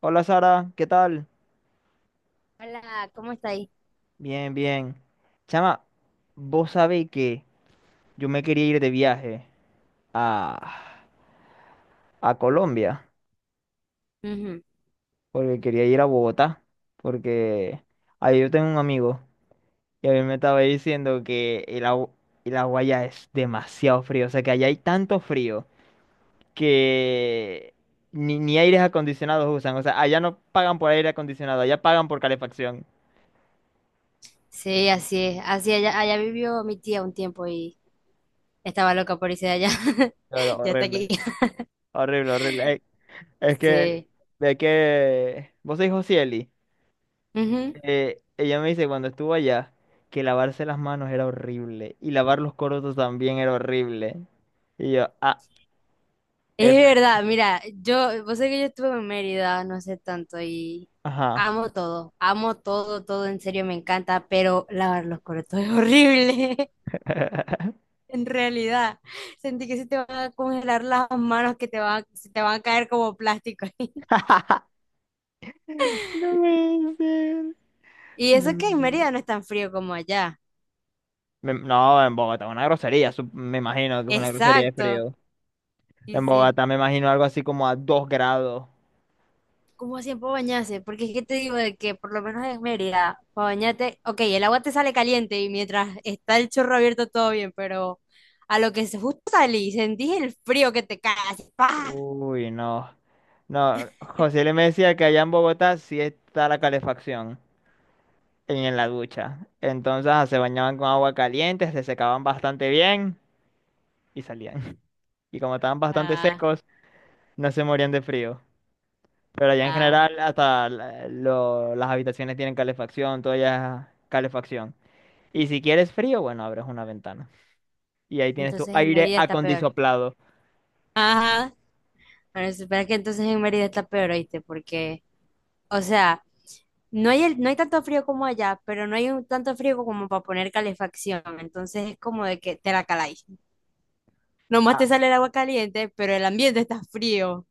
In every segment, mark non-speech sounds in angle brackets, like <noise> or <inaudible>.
Hola Sara, ¿qué tal? Hola, ¿cómo está ahí? Bien, bien. Chama, vos sabés que yo me quería ir de viaje a, a Colombia, Ujú. porque quería ir a Bogotá, porque ahí yo tengo un amigo y a mí me estaba diciendo que el agua allá es demasiado frío, o sea que allá hay tanto frío que ni aires acondicionados usan, o sea, allá no pagan por aire acondicionado, allá pagan por calefacción. Sí, así es. Así allá, allá vivió mi tía un tiempo y estaba loca por irse de allá. <laughs> Pero Ya está aquí. horrible, <laughs> horrible, horrible. Es que, Sí. Vos sois Josieli, Ujú. Ella me dice cuando estuvo allá que lavarse las manos era horrible y lavar los corotos también era horrible. Y yo, ah, Es F, verdad, mira, yo, vos sabés que yo estuve en Mérida no sé tanto y ajá. Amo todo, todo, en serio me encanta, pero lavar los corotos es horrible, <laughs> <laughs> en realidad. Sentí que se te van a congelar las manos, que te van, se te van a caer como plástico. <laughs> No puede ser. Y eso No. que en Mérida no es tan frío como allá. No, en Bogotá, es una grosería, me imagino que es una grosería de Exacto. frío. Sí, En sí. Bogotá me imagino algo así como a 2 grados. ¿Cómo hacían para bañarse? Porque es que te digo de que por lo menos en Mérida, para bañarte, ok, el agua te sale caliente y mientras está el chorro abierto todo bien, pero a lo que se justo salí, sentís el frío que te cae así, ¡pa! Uy, no. No, José le me decía que allá en Bogotá sí está la calefacción en la ducha. Entonces se bañaban con agua caliente, se secaban bastante bien y salían. <laughs> Y como estaban bastante Ah, secos, no se morían de frío. Pero allá en ah. general hasta las habitaciones tienen calefacción, todo ya es calefacción. Y si quieres frío, bueno, abres una ventana. Y ahí tienes tu Entonces en aire Mérida está peor. acondisoplado. Ajá. Bueno, espera que entonces en Mérida está peor, ¿oíste? Porque, o sea, no hay, no hay tanto frío como allá, pero no hay un, tanto frío como para poner calefacción. Entonces es como de que te la caláis. Nomás Ah, te sale el agua caliente, pero el ambiente está frío.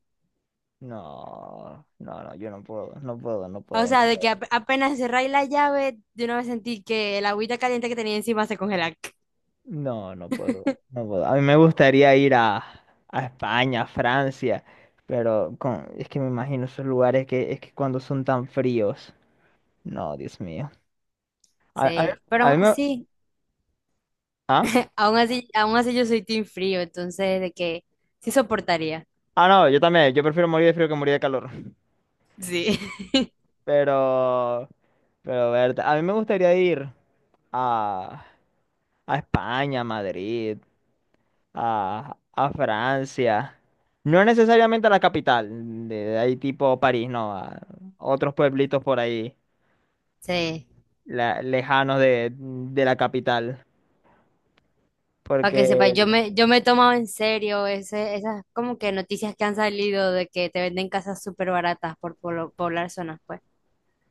no, no, no, yo no puedo, no puedo, no O puedo, no sea, de que puedo. Apenas cerráis la llave, de una vez sentí que el agüita caliente que tenía encima se congela. No, no puedo, no puedo. A mí me gustaría ir a España, a Francia, pero es que me imagino esos lugares que es que cuando son tan fríos. No, Dios mío. A, a mí Sí, pero a aún mí me... así, ¿Ah? aún así, aún así yo soy team frío, entonces de que sí soportaría. Ah, no, yo también. Yo prefiero morir de frío que morir de calor. Sí. <laughs> Pero... Pero, verte, a mí me gustaría ir a, a España, a Madrid, a Francia. No necesariamente a la capital, de ahí tipo París, no, a otros pueblitos por ahí Sí, lejanos de la capital. para Porque que sepa, yo me he tomado en serio ese, esas como que noticias que han salido de que te venden casas súper baratas por poblar zonas, pues.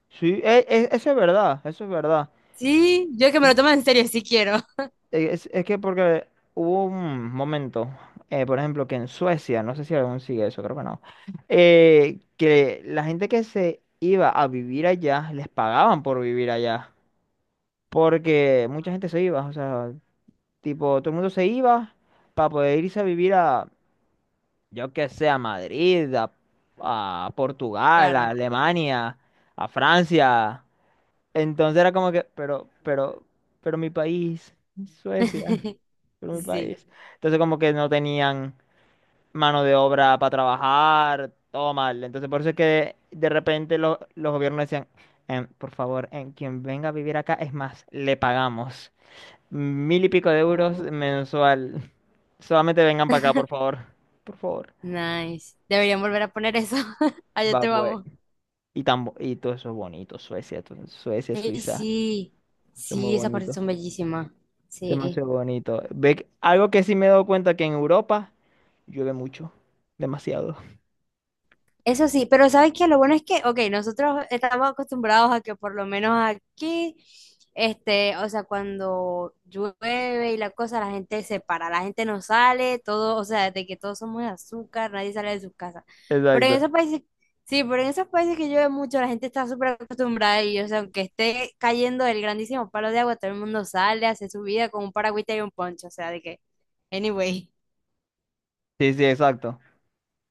sí, eso es verdad, eso es verdad. Sí, yo que me lo tomo en serio, sí quiero. Es que porque hubo un momento, por ejemplo, que en Suecia, no sé si aún sigue eso, creo que no, que la gente que se iba a vivir allá, les pagaban por vivir allá. Porque mucha gente se iba, o sea, tipo, todo el mundo se iba para poder irse a vivir a, yo que sé, a Madrid, a Portugal, a Claro. Alemania, a Francia. Entonces era como que, pero mi país, Suecia, <laughs> pero mi Sí. país. Entonces como que no tenían mano de obra para trabajar, todo mal. Entonces por eso es que de repente los gobiernos decían, "Por favor, en quien venga a vivir acá, es más, le pagamos mil y pico de euros mensual. <laughs> Solamente vengan para acá, por <laughs> favor. Por favor. Nice. Deberían volver a poner eso. <laughs> Allá Va, te pues. vamos. Y todo eso es bonito, Suecia, Suecia, Ey, Suiza, sí, es muy sí, esas partes bonito. son bellísimas. Se me hace Sí. bonito. Ve, algo que sí me he dado cuenta que en Europa llueve mucho, demasiado. <laughs> Eso sí, pero ¿sabes que lo bueno es que, ok, nosotros estamos acostumbrados a que por lo menos aquí, este, o sea, cuando llueve y la cosa, la gente se para, la gente no sale, todo, o sea, de que todos somos de azúcar, nadie sale de sus casas. Pero en Exacto. esos países, sí, pero en esos países que llueve mucho, la gente está súper acostumbrada y, o sea, aunque esté cayendo el grandísimo palo de agua, todo el mundo sale, hace su vida con un paragüita y un poncho, o sea, de que, anyway, Sí, sí, exacto.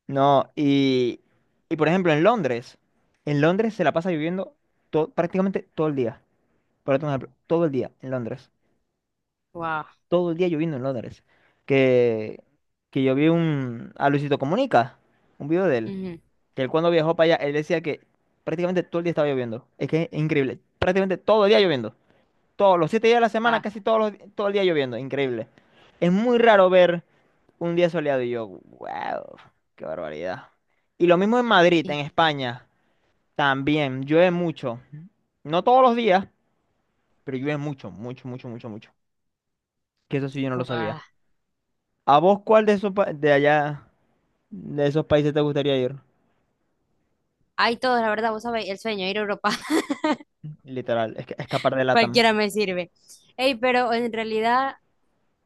No, y por ejemplo en Londres se la pasa lloviendo prácticamente todo el día. Por otro ejemplo, todo el día en Londres. wow. Todo el día lloviendo en Londres. Que, que yo vi a Luisito Comunica, un video de él, Ujú, que él cuando viajó para allá, él decía que prácticamente todo el día estaba lloviendo. Es que es increíble. Prácticamente todo el día lloviendo. Todos los 7 días de la semana, ah, casi todos todo el día lloviendo. Increíble. Es muy raro ver un día soleado y yo, wow, qué barbaridad. Y lo mismo en Madrid, y- en España, también llueve mucho. No todos los días, pero llueve mucho, mucho, mucho, mucho, mucho. Que eso sí yo no lo sabía. wow. ¿A vos cuál de esos de allá, de esos países te gustaría ir? Hay todos, la verdad, vos sabés, el sueño, ir a Europa, <laughs> Literal, escapar de LATAM. cualquiera me sirve. Ey, pero en realidad,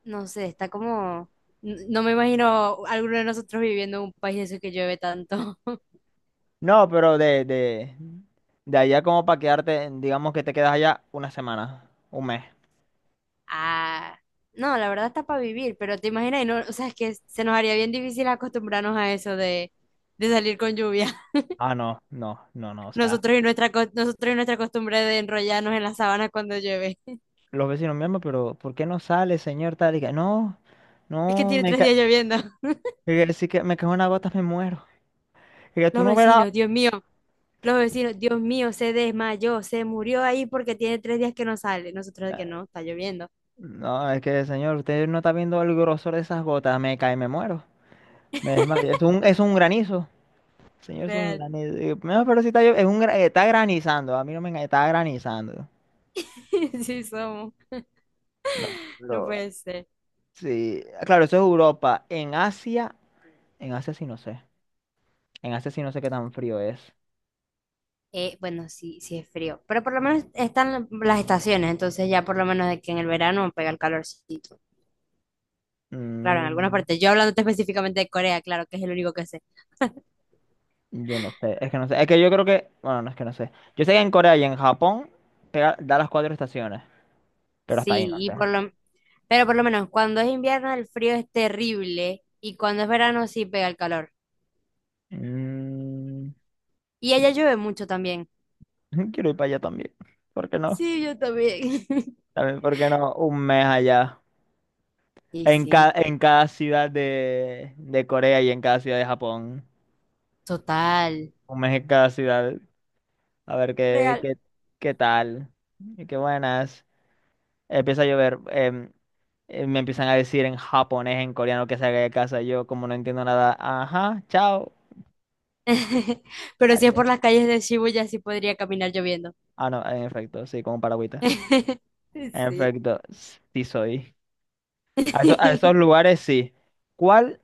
no sé, está como, no me imagino alguno de nosotros viviendo en un país de esos que llueve tanto. <laughs> No, pero de allá como para quedarte, digamos que te quedas allá una semana, un mes. Ah, no, la verdad está para vivir, pero te imaginas, y no, o sea, es que se nos haría bien difícil acostumbrarnos a eso de salir con lluvia. Ah, no, no, no, no, <laughs> o sea, Nosotros y nuestra, nosotros y nuestra costumbre de enrollarnos en la sábana cuando llueve. <laughs> los vecinos mismos, pero ¿por qué no sale, señor tal? Y que, no, Es que no, tiene me tres ca días lloviendo. <laughs> y que, si que me cae una gota me muero. Y que tú Los no verás. vecinos, Dios mío. Los vecinos, Dios mío, se desmayó, se murió ahí porque tiene tres días que no sale. Nosotros que Eh, no, está lloviendo. No, es que, señor, usted no está viendo el grosor de esas gotas, me cae, me muero. Me desmayo. Es un granizo. Señor, es un Real. granizo. Y yo, no, pero si está, es un, está granizando, a mí no me engañe, está granizando. <laughs> Sí somos, No, no pero, puede ser. sí, claro, eso es Europa. En Asia sí no sé. En Asia sí no sé qué tan frío es. Bueno, sí, sí es frío, pero por lo menos están las estaciones, entonces ya por lo menos de que en el verano pega el calorcito. Claro, en algunas Mm, partes. Yo hablándote <laughs> específicamente de Corea, claro, que es el único que sé. yo no sé, es que no sé. Es que yo creo que, bueno, no es que no sé. Yo sé que en Corea y en Japón da las cuatro estaciones, pero hasta ahí Sí, no y sé. por lo, pero por lo menos cuando es invierno el frío es terrible y cuando es verano sí pega el calor. Mm, Y allá llueve mucho también. <laughs> quiero ir para allá también. ¿Por qué no? Sí, yo también. <laughs> También, ¿por qué no? Un mes allá. Y En sí. cada, en cada ciudad de Corea y en cada ciudad de Japón. Total. Un mes en cada ciudad. A ver qué, Real. qué, qué tal. Y qué buenas. Empieza a llover. Me empiezan a decir en japonés, en coreano, que salga de casa. Yo, como no entiendo nada, ajá, chao. <laughs> Pero si es Adiós. por las calles de Shibuya, sí podría caminar lloviendo. Ah, no, en efecto, sí, como paragüita. <laughs> En Sí. efecto, sí soy. A esos <laughs> lugares sí. ¿Cuál?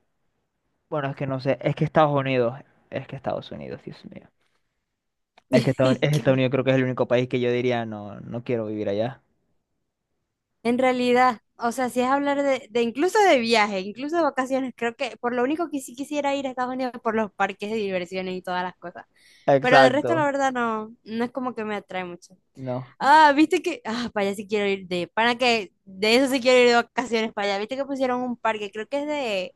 Bueno, es que no sé. Es que Estados Unidos. Es que Estados Unidos, Dios mío. Es Estados Que Unidos creo que es el único país que yo diría, no, no quiero vivir allá. en realidad, o sea, si es hablar de incluso de viaje, incluso de vacaciones, creo que por lo único que sí quisiera ir a Estados Unidos es por los parques de diversiones y todas las cosas. Pero de resto, la Exacto. verdad, no, no es como que me atrae mucho. No. Ah, viste que, ah, para allá sí quiero ir de, para que, de eso sí quiero ir de vacaciones para allá. Viste que pusieron un parque, creo que es de,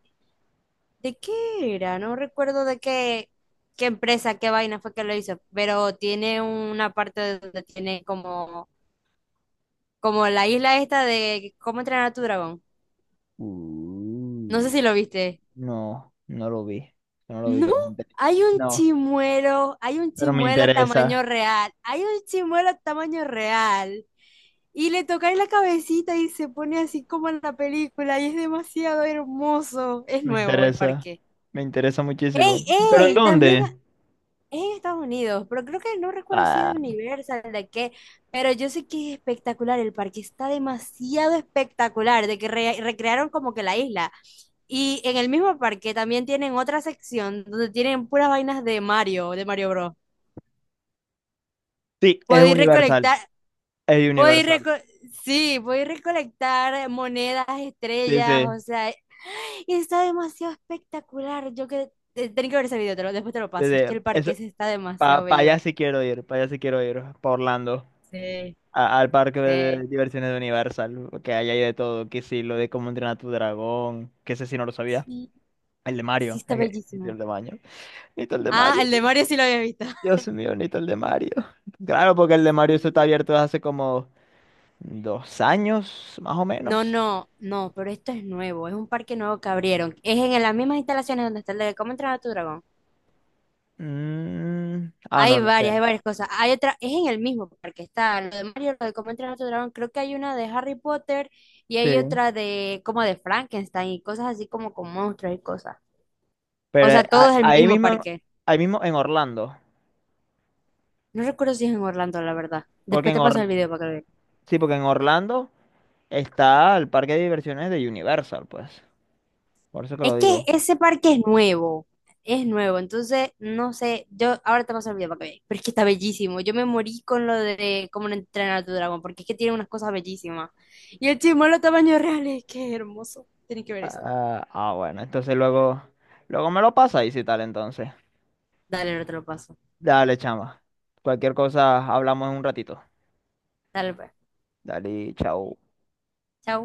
¿de qué era? No recuerdo de qué, qué empresa, qué vaina fue que lo hizo, pero tiene una parte donde tiene como, como la isla esta de cómo entrenar a tu dragón. No sé Uh. si lo viste. No, no lo vi. No lo vi, No, pero me enteré. No. Hay un Pero me chimuelo interesa, tamaño real, hay un chimuelo tamaño real. Y le toca en la cabecita y se pone así como en la película y es demasiado hermoso. Es me nuevo el interesa, parque. me interesa ¡Ey, muchísimo. ¿Pero en ey! También dónde? es en Estados Unidos, pero creo que no recuerdo si es Ah, de Universal, de qué, pero yo sé que es espectacular el parque, está demasiado espectacular, de que recrearon como que la isla. Y en el mismo parque también tienen otra sección donde tienen puras vainas de Mario Bros. sí, es Puedo ir Universal, recolectar, es puedo ir Universal. reco- sí, puedo ir recolectar monedas, Sí, estrellas, sí, o sea, y está demasiado espectacular. Yo que, tenés que ver ese video, después te lo sí, paso, es que sí. el parque Eso, ese está para demasiado bello. allá sí quiero ir, para allá sí quiero ir, para Orlando, Sí, al parque de sí. diversiones de Universal, que ahí hay de todo, que sí, lo de cómo entrenar a tu dragón, que ese sí no lo sabía. Sí, El de sí Mario, <laughs> está es que, necesito el bellísimo. de Mario, necesito el de Ah, Mario, el de Mario sí lo había visto. <laughs> Dios mío, necesito el de Mario. Claro, porque el de Mario se está abierto hace como 2 años, más o No, menos. no, no, pero esto es nuevo, es un parque nuevo que abrieron. Es en las mismas instalaciones donde está el de Cómo entrenar a tu dragón. Ah, no, no sé. Hay varias cosas. Hay otra, es en el mismo parque, está lo de Mario, lo de Cómo entrenar a tu dragón. Creo que hay una de Harry Potter y hay Sí. otra de como de Frankenstein y cosas así como con monstruos y cosas. O Pero sea, todo es el mismo parque. ahí mismo en Orlando. No recuerdo si es en Orlando, la verdad. Porque Después en te paso Or- el video para que lo veas. sí, porque en Orlando está el parque de diversiones de Universal, pues. Por eso que lo Es que digo. ese parque es nuevo, entonces no sé, yo ahora te vas a olvidar para que veas, pero es que está bellísimo. Yo me morí con lo de cómo no entrenar a tu dragón, porque es que tiene unas cosas bellísimas. Y el chimuelo tamaño real es que es hermoso, tienes que ver eso. Ah, ah, bueno, entonces luego, luego me lo pasa y si tal, entonces. Dale, no te lo paso. Dale, chama. Cualquier cosa hablamos en un ratito. Dale, pues. Dale, chao. Chao.